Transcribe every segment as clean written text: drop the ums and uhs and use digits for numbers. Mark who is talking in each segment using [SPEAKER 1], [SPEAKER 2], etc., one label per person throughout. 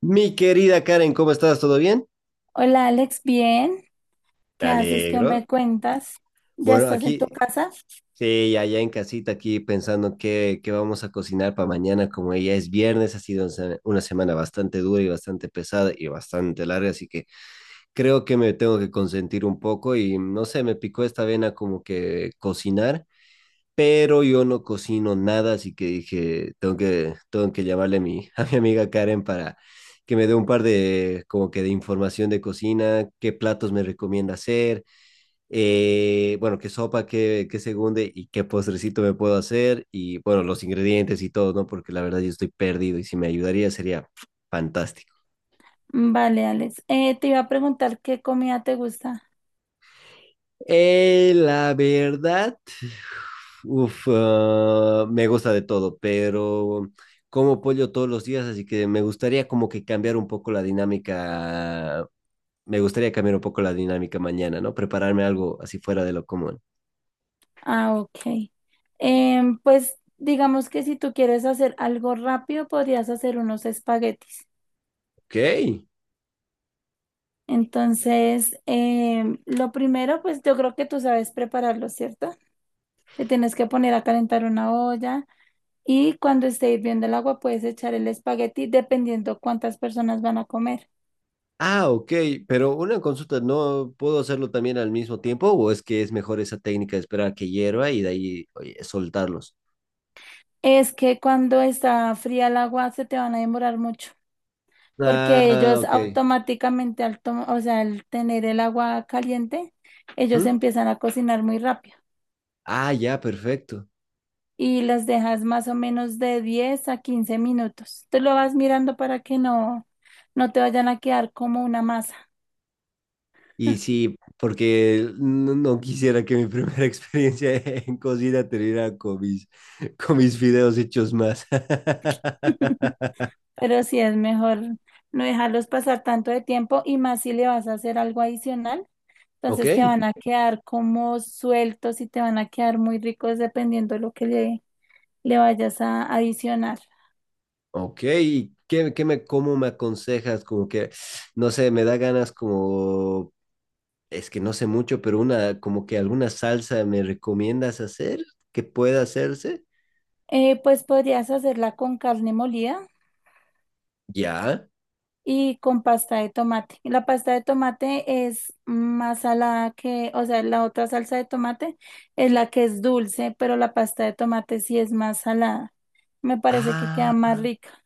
[SPEAKER 1] Mi querida Karen, ¿cómo estás? ¿Todo bien?
[SPEAKER 2] Hola Alex, bien.
[SPEAKER 1] Me
[SPEAKER 2] ¿Qué haces? ¿Qué me
[SPEAKER 1] alegro.
[SPEAKER 2] cuentas? ¿Ya
[SPEAKER 1] Bueno,
[SPEAKER 2] estás en tu
[SPEAKER 1] aquí,
[SPEAKER 2] casa?
[SPEAKER 1] sí, allá en casita, aquí pensando qué vamos a cocinar para mañana, como ya es viernes, ha sido una semana bastante dura y bastante pesada y bastante larga, así que creo que me tengo que consentir un poco y no sé, me picó esta vena como que cocinar, pero yo no cocino nada, así que dije, tengo que llamarle a mi, a mi amiga Karen para que me dé un par de, como que de información de cocina, qué platos me recomienda hacer, bueno, qué sopa, qué segunde y qué postrecito me puedo hacer y bueno, los ingredientes y todo, ¿no? Porque la verdad yo estoy perdido y si me ayudaría sería fantástico.
[SPEAKER 2] Vale, Alex. Te iba a preguntar qué comida te gusta.
[SPEAKER 1] La verdad, me gusta de todo, pero como pollo todos los días, así que me gustaría como que cambiar un poco la dinámica. Me gustaría cambiar un poco la dinámica mañana, ¿no? Prepararme algo así fuera de lo común.
[SPEAKER 2] Ah, ok. Pues digamos que si tú quieres hacer algo rápido, podrías hacer unos espaguetis.
[SPEAKER 1] Ok.
[SPEAKER 2] Entonces, lo primero, pues yo creo que tú sabes prepararlo, ¿cierto? Te tienes que poner a calentar una olla y cuando esté hirviendo el agua puedes echar el espagueti dependiendo cuántas personas van a comer.
[SPEAKER 1] Ah, ok, pero una consulta, ¿no puedo hacerlo también al mismo tiempo o es que es mejor esa técnica de esperar a que hierva y de ahí oye, soltarlos?
[SPEAKER 2] Es que cuando está fría el agua se te van a demorar mucho, porque
[SPEAKER 1] Ah,
[SPEAKER 2] ellos
[SPEAKER 1] ok.
[SPEAKER 2] automáticamente, o sea, al tener el agua caliente, ellos
[SPEAKER 1] ¿Mm?
[SPEAKER 2] empiezan a cocinar muy rápido
[SPEAKER 1] Ah, ya, perfecto.
[SPEAKER 2] y las dejas más o menos de 10 a 15 minutos. Tú lo vas mirando para que no te vayan a quedar como una masa.
[SPEAKER 1] Y sí, porque no quisiera que mi primera experiencia en cocina terminara con mis, con mis videos hechos más.
[SPEAKER 2] Pero sí es mejor no dejarlos pasar tanto de tiempo y más si le vas a hacer algo adicional.
[SPEAKER 1] Ok,
[SPEAKER 2] Entonces te van a quedar como sueltos y te van a quedar muy ricos dependiendo de lo que le vayas a adicionar.
[SPEAKER 1] ok. ¿Y qué me, cómo me aconsejas? Como que, no sé, me da ganas como, es que no sé mucho, pero una, como que alguna salsa me recomiendas hacer que pueda hacerse.
[SPEAKER 2] Pues podrías hacerla con carne molida
[SPEAKER 1] Ya.
[SPEAKER 2] y con pasta de tomate. Y la pasta de tomate es más salada que, o sea, la otra salsa de tomate es la que es dulce, pero la pasta de tomate sí es más salada. Me parece que queda
[SPEAKER 1] Ah.
[SPEAKER 2] más rica.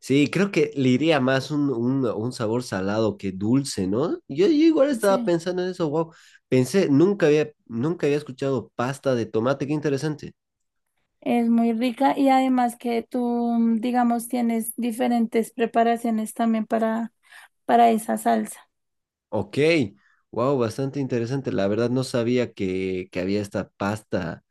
[SPEAKER 1] Sí, creo que le iría más un sabor salado que dulce, ¿no? Yo igual estaba
[SPEAKER 2] Sí.
[SPEAKER 1] pensando en eso, wow. Pensé, nunca había escuchado pasta de tomate, qué interesante.
[SPEAKER 2] Es muy rica y además que tú, digamos, tienes diferentes preparaciones también para esa salsa.
[SPEAKER 1] Ok, wow, bastante interesante. La verdad no sabía que había esta pasta,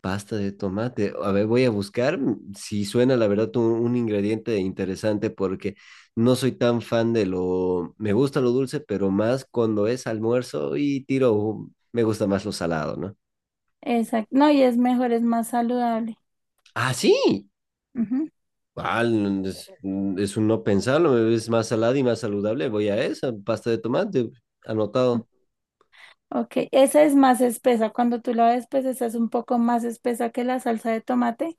[SPEAKER 1] pasta de tomate. A ver, voy a buscar si suena, la verdad, un ingrediente interesante porque no soy tan fan de lo, me gusta lo dulce, pero más cuando es almuerzo y tiro, me gusta más lo salado, ¿no?
[SPEAKER 2] Exacto. No, y es mejor, es más saludable.
[SPEAKER 1] Ah, sí.
[SPEAKER 2] Ujú.
[SPEAKER 1] Ah, es, es un no pensarlo, es más salada y más saludable. Voy a esa, pasta de tomate, anotado.
[SPEAKER 2] Ok, esa es más espesa. Cuando tú la ves, pues esa es un poco más espesa que la salsa de tomate,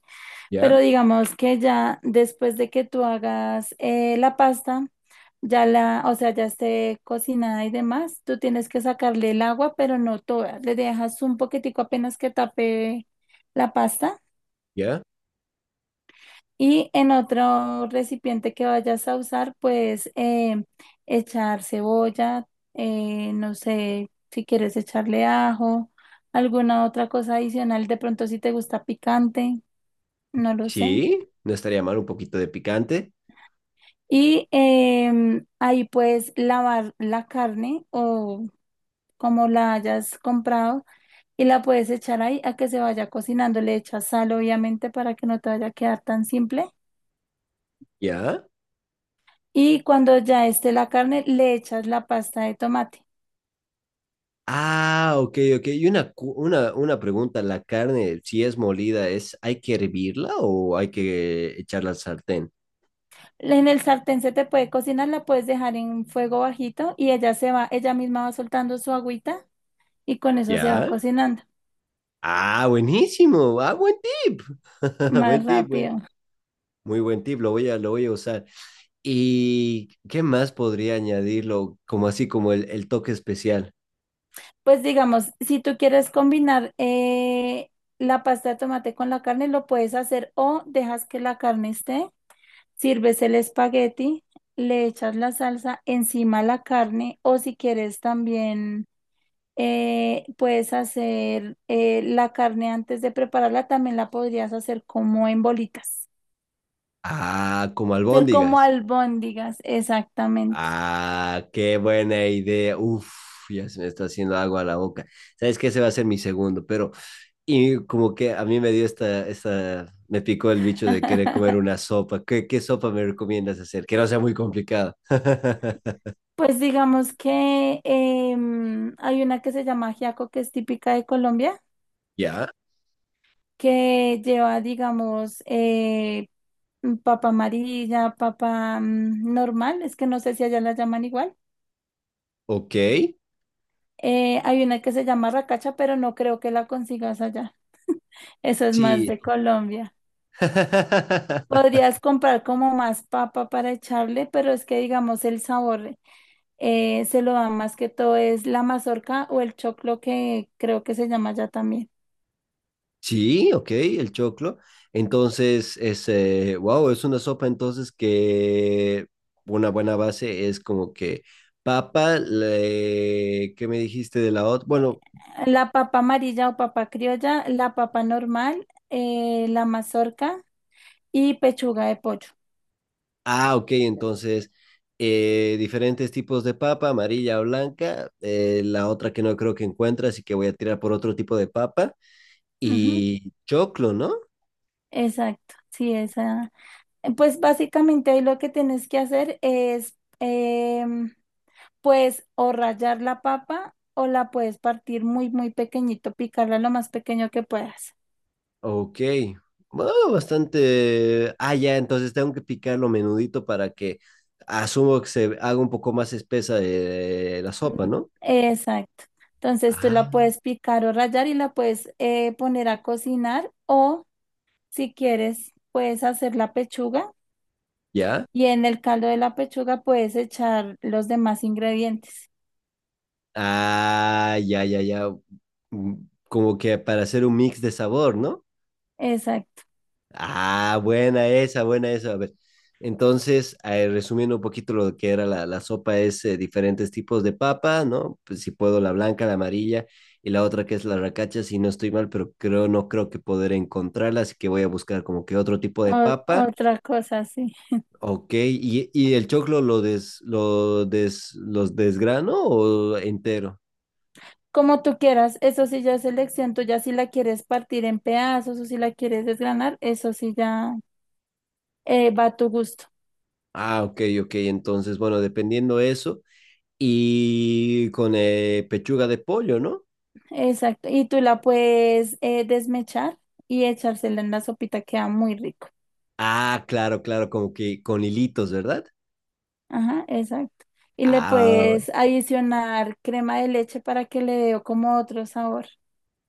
[SPEAKER 1] ¿Ya?
[SPEAKER 2] pero digamos que ya después de que tú hagas la pasta, ya la, o sea, ya esté cocinada y demás, tú tienes que sacarle el agua, pero no toda. Le dejas un poquitico apenas que tape la pasta.
[SPEAKER 1] ¿Ya?
[SPEAKER 2] Y en otro recipiente que vayas a usar, pues echar cebolla, no sé si quieres echarle ajo, alguna otra cosa adicional, de pronto si te gusta picante, no lo sé.
[SPEAKER 1] Sí, no estaría mal un poquito de picante.
[SPEAKER 2] Y ahí puedes lavar la carne o como la hayas comprado y la puedes echar ahí a que se vaya cocinando. Le echas sal, obviamente, para que no te vaya a quedar tan simple.
[SPEAKER 1] ¿Ya?
[SPEAKER 2] Y cuando ya esté la carne, le echas la pasta de tomate.
[SPEAKER 1] Ah, ok, ok. Y una, una pregunta, ¿la carne, si es molida, es, hay que hervirla o hay que echarla al sartén?
[SPEAKER 2] En el sartén se te puede cocinar, la puedes dejar en fuego bajito y ella se va, ella misma va soltando su agüita y con eso se va
[SPEAKER 1] ¿Ya?
[SPEAKER 2] cocinando
[SPEAKER 1] Ah, buenísimo. Ah, buen tip. Buen
[SPEAKER 2] más
[SPEAKER 1] tip, buen-
[SPEAKER 2] rápido.
[SPEAKER 1] muy buen tip. Lo voy a usar. ¿Y qué más podría añadirlo? Como así, como el toque especial.
[SPEAKER 2] Pues digamos, si tú quieres combinar la pasta de tomate con la carne, lo puedes hacer o dejas que la carne esté, sirves el espagueti, le echas la salsa encima a la carne o si quieres también puedes hacer la carne antes de prepararla, también la podrías hacer como en bolitas.
[SPEAKER 1] Ah, como
[SPEAKER 2] Ser como
[SPEAKER 1] albóndigas.
[SPEAKER 2] albóndigas, exactamente.
[SPEAKER 1] Ah, qué buena idea. Uf, ya se me está haciendo agua a la boca. Sabes que ese va a ser mi segundo, pero y como que a mí me dio me picó el bicho de querer comer una sopa. Qué sopa me recomiendas hacer? Que no sea muy complicada.
[SPEAKER 2] Pues digamos que hay una que se llama ajiaco, que es típica de Colombia,
[SPEAKER 1] ¿Ya?
[SPEAKER 2] que lleva, digamos, papa amarilla, papa normal, es que no sé si allá la llaman igual.
[SPEAKER 1] ¿Ok?
[SPEAKER 2] Hay una que se llama racacha, pero no creo que la consigas allá. Eso es más
[SPEAKER 1] Sí.
[SPEAKER 2] de Colombia. Podrías comprar como más papa para echarle, pero es que digamos el sabor. Se lo dan más que todo es la mazorca o el choclo que creo que se llama ya también.
[SPEAKER 1] Sí, ok, el choclo. Entonces, wow, es una sopa entonces que una buena base es como que papa, le, ¿qué me dijiste de la otra?
[SPEAKER 2] Eh,
[SPEAKER 1] Bueno,
[SPEAKER 2] La papa amarilla o papa criolla, la papa normal, la mazorca y pechuga de pollo.
[SPEAKER 1] ah, ok, entonces diferentes tipos de papa, amarilla o blanca, la otra que no creo que encuentre, así que voy a tirar por otro tipo de papa
[SPEAKER 2] Ujú.
[SPEAKER 1] y choclo, ¿no?
[SPEAKER 2] Exacto, sí, esa. Pues básicamente ahí lo que tienes que hacer es, em, pues, o rallar la papa o la puedes partir muy, muy pequeñito, picarla lo más pequeño que puedas.
[SPEAKER 1] Ok, bueno, bastante. Ah, ya, entonces tengo que picarlo menudito para que asumo que se haga un poco más espesa la
[SPEAKER 2] Mm.
[SPEAKER 1] sopa, ¿no?
[SPEAKER 2] Exacto. Entonces tú la
[SPEAKER 1] Ah,
[SPEAKER 2] puedes picar o rallar y la puedes poner a cocinar o si quieres puedes hacer la pechuga
[SPEAKER 1] ya.
[SPEAKER 2] y en el caldo de la pechuga puedes echar los demás ingredientes.
[SPEAKER 1] Ah, ya, ya, ya. Mm, como que para hacer un mix de sabor, ¿no?
[SPEAKER 2] Exacto.
[SPEAKER 1] Ah, buena esa, buena esa. A ver, entonces, resumiendo un poquito lo que era la sopa, es diferentes tipos de papa, ¿no? Pues si puedo, la blanca, la amarilla y la otra que es la racacha, si no estoy mal, pero creo, no creo que poder encontrarla, así que voy a buscar como que otro tipo de
[SPEAKER 2] O-
[SPEAKER 1] papa.
[SPEAKER 2] otra cosa, sí.
[SPEAKER 1] Ok, y el choclo los desgrano o entero?
[SPEAKER 2] Como tú quieras, eso sí ya es elección tuya, si la quieres partir en pedazos o si la quieres desgranar, eso sí ya va a tu gusto.
[SPEAKER 1] Ah, ok, ok, entonces, bueno, dependiendo eso, y con pechuga de pollo, ¿no?
[SPEAKER 2] Exacto. Y tú la puedes desmechar y echársela en la sopita, queda muy rico.
[SPEAKER 1] Ah, claro, claro, como que con hilitos, ¿verdad?
[SPEAKER 2] Ajá, exacto. Y le
[SPEAKER 1] Ah,
[SPEAKER 2] puedes adicionar crema de leche para que le dé como otro sabor.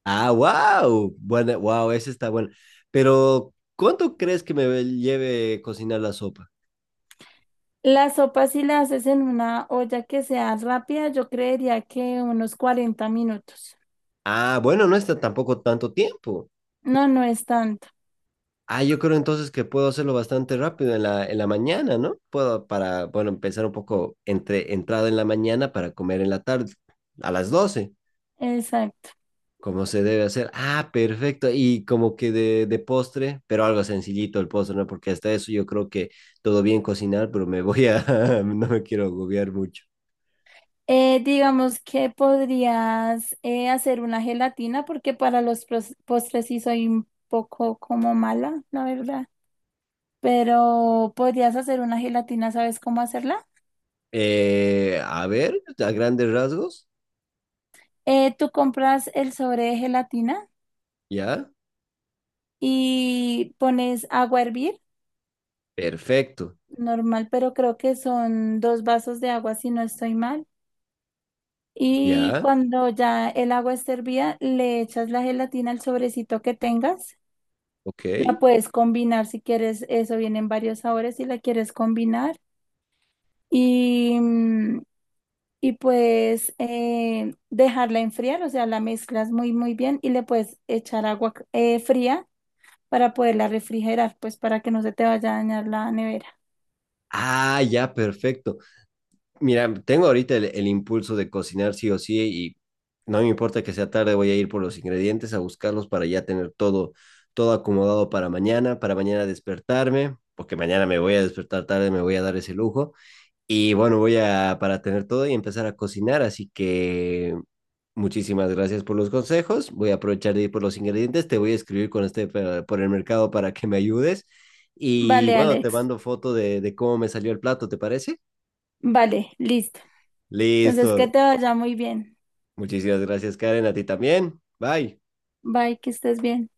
[SPEAKER 1] ah, wow. Bueno, wow, ese está bueno. Pero, ¿cuánto crees que me lleve cocinar la sopa?
[SPEAKER 2] La sopa, si la haces en una olla que sea rápida, yo creería que unos 40 minutos.
[SPEAKER 1] Ah, bueno, no está tampoco tanto tiempo.
[SPEAKER 2] No, no es tanto.
[SPEAKER 1] Ah, yo creo entonces que puedo hacerlo bastante rápido en la mañana, ¿no? Puedo para, bueno, empezar un poco entre entrada en la mañana para comer en la tarde, a las 12,
[SPEAKER 2] Exacto.
[SPEAKER 1] como se debe hacer. Ah, perfecto. Y como que de postre, pero algo sencillito el postre, ¿no? Porque hasta eso yo creo que todo bien cocinar, pero me voy a, no me quiero agobiar mucho.
[SPEAKER 2] Digamos que podrías hacer una gelatina porque para los postres sí soy un poco como mala, la verdad. Pero podrías hacer una gelatina, ¿sabes cómo hacerla?
[SPEAKER 1] A ver, a grandes rasgos,
[SPEAKER 2] tú compras el sobre de gelatina
[SPEAKER 1] ya,
[SPEAKER 2] y pones agua a hervir,
[SPEAKER 1] perfecto,
[SPEAKER 2] normal, pero creo que son dos vasos de agua si no estoy mal. Y
[SPEAKER 1] ya,
[SPEAKER 2] cuando ya el agua esté hervida, le echas la gelatina al sobrecito que tengas.
[SPEAKER 1] ok.
[SPEAKER 2] La puedes combinar si quieres, eso viene en varios sabores si la quieres combinar. Y, mm, y puedes dejarla enfriar, o sea, la mezclas muy, muy bien y le puedes echar agua fría para poderla refrigerar, pues para que no se te vaya a dañar la nevera.
[SPEAKER 1] Ah, ya, perfecto. Mira, tengo ahorita el impulso de cocinar sí o sí y no me importa que sea tarde, voy a ir por los ingredientes a buscarlos para ya tener todo, todo acomodado para mañana despertarme, porque mañana me voy a despertar tarde, me voy a dar ese lujo. Y bueno, voy a, para tener todo y empezar a cocinar, así que muchísimas gracias por los consejos, voy a aprovechar de ir por los ingredientes, te voy a escribir con este por el mercado para que me ayudes. Y
[SPEAKER 2] Vale,
[SPEAKER 1] bueno, te
[SPEAKER 2] Alex.
[SPEAKER 1] mando foto de cómo me salió el plato, ¿te parece?
[SPEAKER 2] Vale, listo. Entonces,
[SPEAKER 1] Listo,
[SPEAKER 2] que te vaya muy bien.
[SPEAKER 1] muchísimas gracias, Karen. A ti también. Bye.
[SPEAKER 2] Bye, que estés bien.